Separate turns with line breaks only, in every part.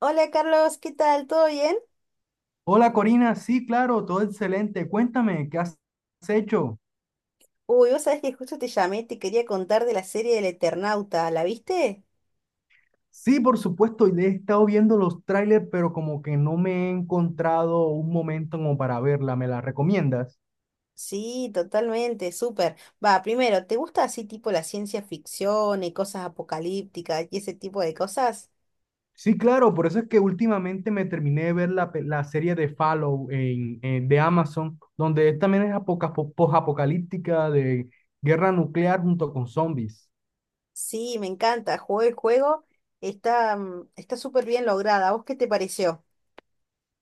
Hola Carlos, ¿qué tal? ¿Todo bien?
Hola Corina, sí, claro, todo excelente. Cuéntame, ¿qué has hecho?
Uy, vos sabés que justo te llamé te quería contar de la serie del Eternauta, ¿la viste?
Sí, por supuesto, y he estado viendo los trailers, pero como que no me he encontrado un momento como para verla. ¿Me la recomiendas?
Sí, totalmente, súper. Va, primero, ¿te gusta así tipo la ciencia ficción y cosas apocalípticas y ese tipo de cosas?
Sí, claro, por eso es que últimamente me terminé de ver la serie de Fallout de Amazon, donde también es posapocalíptica de guerra nuclear junto con zombies.
Sí, me encanta, jugué el juego, está está súper bien lograda. ¿A vos qué te pareció?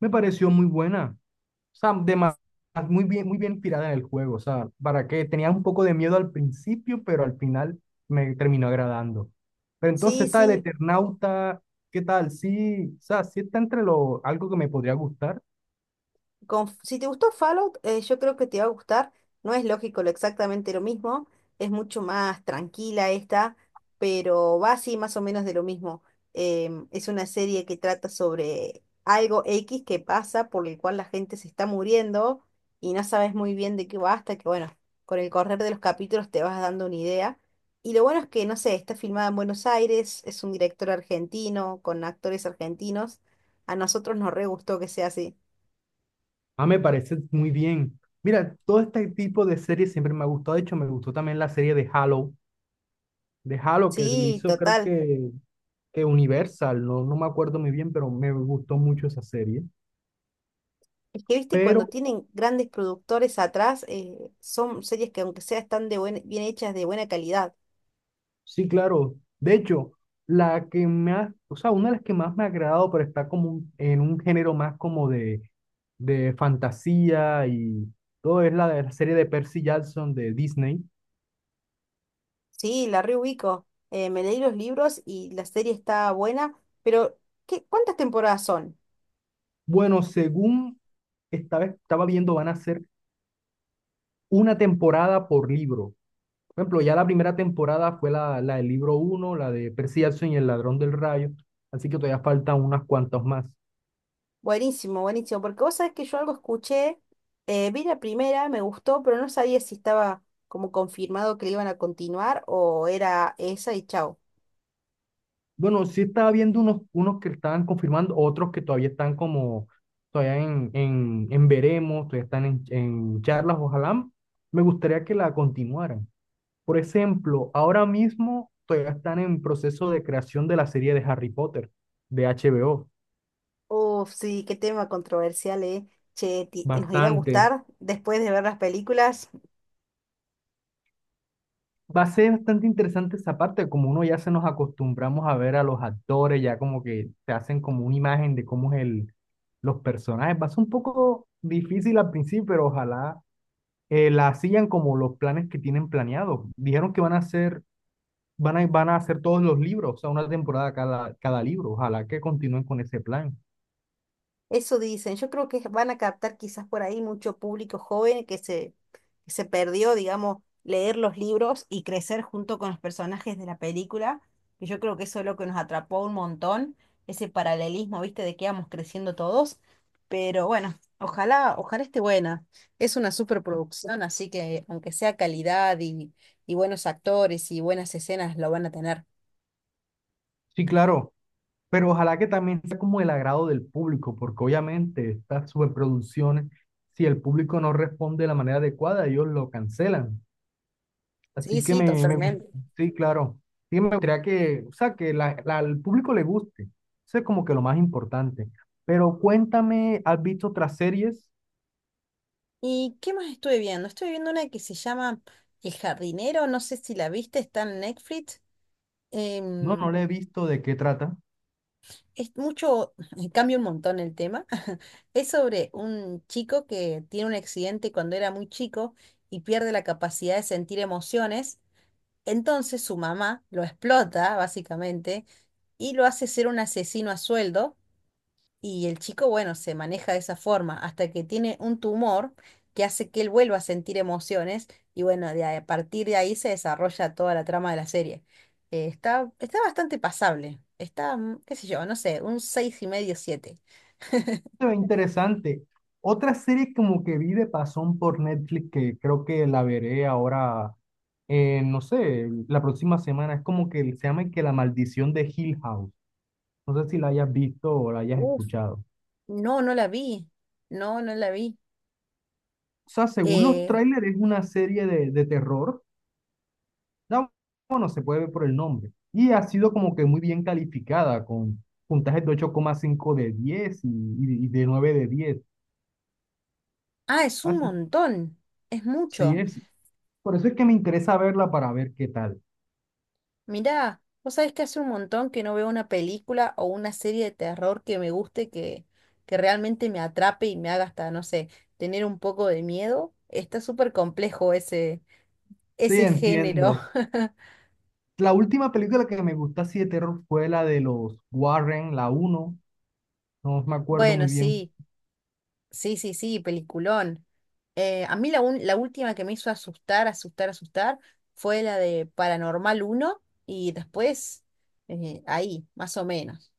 Me pareció muy buena. O sea, muy bien inspirada en el juego. O sea, para que tenía un poco de miedo al principio, pero al final me terminó agradando. Pero entonces
Sí,
está el
sí,
Eternauta, ¿qué tal? Sí, o sea, sí está entre algo que me podría gustar.
si te gustó Fallout, yo creo que te va a gustar. No es lógico lo exactamente lo mismo, es mucho más tranquila esta, pero va así más o menos de lo mismo. Es una serie que trata sobre algo X que pasa por el cual la gente se está muriendo y no sabes muy bien de qué va hasta que, bueno, con el correr de los capítulos te vas dando una idea. Y lo bueno es que, no sé, está filmada en Buenos Aires, es un director argentino, con actores argentinos. A nosotros nos re gustó que sea así.
Ah, me parece muy bien. Mira, todo este tipo de series siempre me ha gustado. De hecho, me gustó también la serie de Halo, que lo
Sí,
hizo creo
total.
que Universal, no, no me acuerdo muy bien, pero me gustó mucho esa serie.
Es que, viste,
Pero
cuando tienen grandes productores atrás, son series que aunque sea están de bien hechas, de buena calidad.
sí, claro. De hecho, la que más, o sea, una de las que más me ha agradado, pero está como en un género más como de fantasía y todo, es la de la serie de Percy Jackson de Disney.
Sí, la reubico. Me leí los libros y la serie está buena, pero ¿qué, cuántas temporadas son?
Bueno, según estaba viendo, van a ser una temporada por libro. Por ejemplo, ya la primera temporada fue la del libro uno, la de Percy Jackson y el ladrón del rayo, así que todavía faltan unas cuantas más.
Buenísimo, buenísimo, porque vos sabés que yo algo escuché, vi la primera, me gustó, pero no sabía si estaba como confirmado que le iban a continuar o era esa y chau.
Bueno, sí estaba viendo unos que estaban confirmando, otros que todavía están como, todavía en veremos, todavía están en charlas, ojalá. Me gustaría que la continuaran. Por ejemplo, ahora mismo todavía están en proceso de creación de la serie de Harry Potter, de HBO.
Uf, sí, qué tema controversial, ¿eh? Che, ¿nos irá a
Bastante.
gustar después de ver las películas?
Va a ser bastante interesante esa parte, como uno ya se nos acostumbramos a ver a los actores, ya como que te hacen como una imagen de cómo es el, los personajes. Va a ser un poco difícil al principio, pero ojalá la sigan como los planes que tienen planeados. Dijeron que van a hacer, van a hacer todos los libros, o sea, una temporada cada libro. Ojalá que continúen con ese plan.
Eso dicen. Yo creo que van a captar quizás por ahí mucho público joven que se perdió, digamos, leer los libros y crecer junto con los personajes de la película. Y yo creo que eso es lo que nos atrapó un montón, ese paralelismo, ¿viste? De que íbamos creciendo todos. Pero bueno, ojalá, ojalá esté buena. Es una superproducción, así que aunque sea calidad y buenos actores y buenas escenas, lo van a tener.
Sí, claro, pero ojalá que también sea como el agrado del público, porque obviamente estas superproducciones, si el público no responde de la manera adecuada, ellos lo cancelan.
Sí,
Así que
sí, totalmente.
sí, claro. Sí, me gustaría que, o sea, que al público le guste. Eso es como que lo más importante. Pero cuéntame, ¿has visto otras series?
¿Y qué más estuve viendo? Estuve viendo una que se llama El jardinero, no sé si la viste, está en Netflix.
No,
Em,
no la he visto de qué trata.
es mucho, cambia un montón el tema. Es sobre un chico que tiene un accidente cuando era muy chico y pierde la capacidad de sentir emociones. Entonces su mamá lo explota, básicamente, y lo hace ser un asesino a sueldo. Y el chico, bueno, se maneja de esa forma hasta que tiene un tumor que hace que él vuelva a sentir emociones y bueno, a partir de ahí se desarrolla toda la trama de la serie. Está, está bastante pasable. Está, qué sé yo, no sé, un seis y medio, siete.
Se ve interesante. Otra serie como que vi de pasón por Netflix que creo que la veré ahora, no sé, la próxima semana. Es como que se llama que La Maldición de Hill House. No sé si la hayas visto o la hayas
Uf,
escuchado.
no, no la vi. No, no la vi.
O sea, según los
Eh,
trailers es una serie de terror. Da- Bueno, se puede ver por el nombre. Y ha sido como que muy bien calificada con puntajes de 8,5 de 10 y de 9 de 10.
ah, es un
Así.
montón. Es
Sí, sí
mucho.
es, por eso es que me interesa verla para ver qué tal.
Mirá, vos sabés que hace un montón que no veo una película o una serie de terror que me guste, que realmente me atrape y me haga hasta, no sé, tener un poco de miedo. Está súper complejo ese,
Sí,
ese género.
entiendo. La última película que me gustó así de terror fue la de los Warren, la uno. No me acuerdo muy
Bueno,
bien.
sí, sí, sí, sí, peliculón. A mí la última que me hizo asustar, asustar, asustar fue la de Paranormal uno y después ahí, más o menos.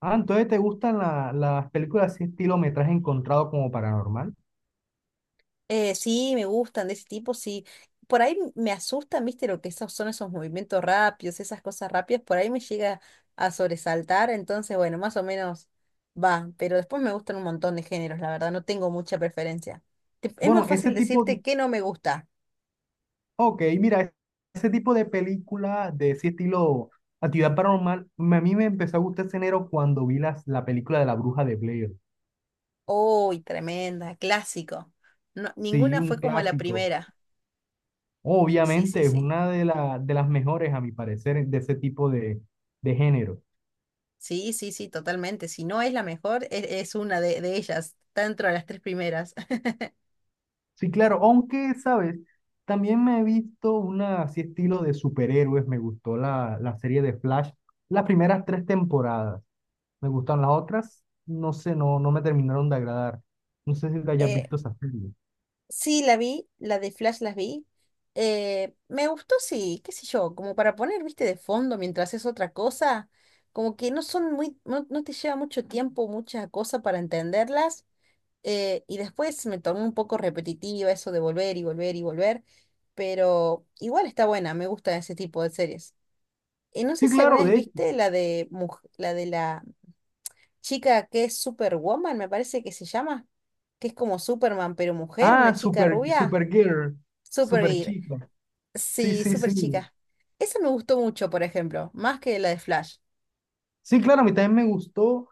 Ah, entonces te gustan las películas así estilo metraje encontrado como paranormal.
Sí, me gustan de ese tipo, sí. Por ahí me asustan, viste, lo que esos son esos movimientos rápidos, esas cosas rápidas, por ahí me llega a sobresaltar, entonces, bueno, más o menos va, pero después me gustan un montón de géneros, la verdad, no tengo mucha preferencia. Es más
Bueno, ese
fácil
tipo,
decirte que no me gusta.
ok, mira, ese tipo de película de ese estilo actividad paranormal, a mí me empezó a gustar ese enero cuando vi la película de la bruja de Blair.
Uy, tremenda, clásico. No,
Sí,
ninguna fue
un
como la
clásico.
primera. Sí, sí,
Obviamente es
sí.
una de las mejores, a mi parecer, de ese tipo de género.
Sí, sí, sí, totalmente. Si no es la mejor, es una de ellas, está dentro de las tres primeras.
Sí, claro, aunque, ¿sabes? También me he visto una así estilo de superhéroes, me gustó la serie de Flash, las primeras tres temporadas, me gustan las otras, no sé, no, no me terminaron de agradar. No sé si te hayas visto esa serie.
Sí, la vi, la de Flash las vi. Me gustó, sí, qué sé yo, como para poner, viste, de fondo mientras es otra cosa, como que no son muy, no, no te lleva mucho tiempo, mucha cosa para entenderlas. Y después me tornó un poco repetitiva eso de volver y volver y volver, pero igual está buena, me gusta ese tipo de series. No sé
Sí,
si alguna
claro,
vez
de hecho.
viste la de, la de la chica que es Superwoman, me parece que se llama, que es como Superman, pero mujer,
Ah,
una chica rubia.
Supergirl,
Super Gear.
Superchica. Sí,
Sí,
sí,
super
sí.
chica. Esa me gustó mucho, por ejemplo, más que la de Flash.
Sí, claro, a mí también me gustó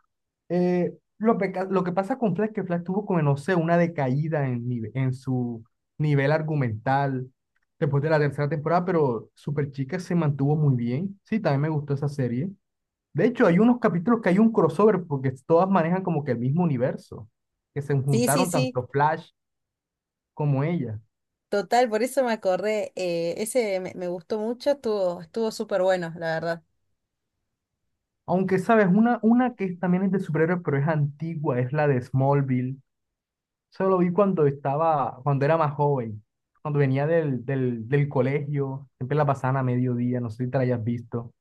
lo que pasa con Flash, que Flash tuvo como, no sé, una decaída en su nivel argumental después de la tercera temporada, pero Superchica se mantuvo muy bien. Sí, también me gustó esa serie. De hecho, hay unos capítulos que hay un crossover porque todas manejan como que el mismo universo, que se
Sí, sí,
juntaron
sí.
tanto Flash como ella.
Total, por eso me acordé. Ese me, me gustó mucho, estuvo, estuvo súper bueno, la verdad.
Aunque, ¿sabes? Una que es también es de superhéroes, pero es antigua, es la de Smallville. Solo lo vi cuando era más joven, cuando venía del colegio, siempre la pasaban a mediodía, no sé si te la hayas visto.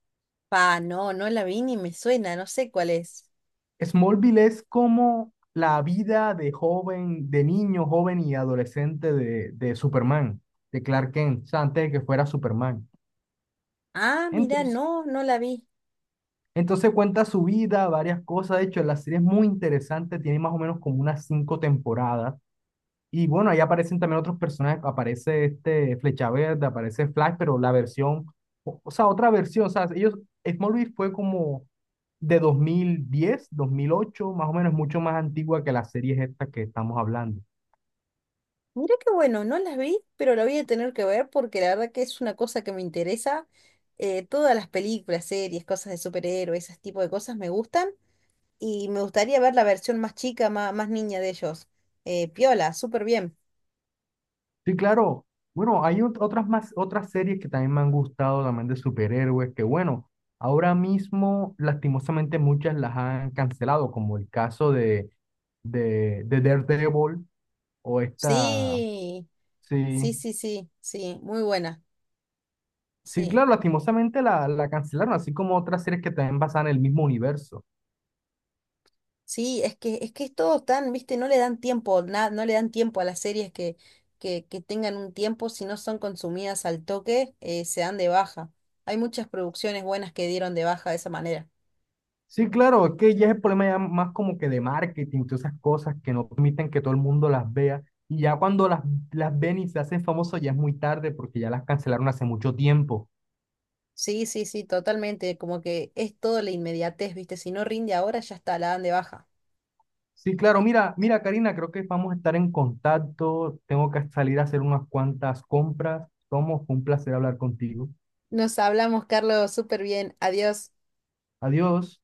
Pa, no, no la vi ni me suena, no sé cuál es.
Smallville es como la vida de joven, de niño, joven y adolescente de Superman, de Clark Kent, o sea, antes de que fuera Superman.
Ah, mira,
Entonces,
no, no la vi.
entonces cuenta su vida, varias cosas, de hecho, la serie es muy interesante, tiene más o menos como unas cinco temporadas. Y bueno, ahí aparecen también otros personajes, aparece este Flecha Verde, aparece Flash, pero la versión, o sea, otra versión, o sea, ellos, Smallville fue como de 2010 2008 más o menos, mucho más antigua que las series estas que estamos hablando.
Mira qué bueno, no la vi, pero la voy a tener que ver porque la verdad que es una cosa que me interesa. Todas las películas, series, cosas de superhéroes, ese tipo de cosas me gustan. Y me gustaría ver la versión más chica, más, niña de ellos. Piola, súper bien.
Sí, claro, bueno, hay otras más, otras series que también me han gustado, también de superhéroes, que bueno, ahora mismo, lastimosamente, muchas las han cancelado, como el caso de Daredevil o esta,
Sí,
sí.
sí, sí, sí, sí, muy buena.
Sí,
Sí,
claro, lastimosamente la cancelaron, así como otras series que también basan en el mismo universo.
sí, es que, es que es todo tan, viste, no le dan tiempo, no le dan tiempo a las series que tengan un tiempo, si no son consumidas al toque, se dan de baja. Hay muchas producciones buenas que dieron de baja de esa manera.
Sí, claro, es que ya es el problema ya más como que de marketing, todas esas cosas que no permiten que todo el mundo las vea. Y ya cuando las ven y se hacen famosos ya es muy tarde porque ya las cancelaron hace mucho tiempo.
Sí, sí, sí, totalmente, como que es todo la inmediatez, viste, si no rinde ahora ya está, la dan de baja.
Sí, claro, mira, mira, Karina, creo que vamos a estar en contacto. Tengo que salir a hacer unas cuantas compras. Tomo, fue un placer hablar contigo.
Nos hablamos, Carlos, súper bien. Adiós.
Adiós.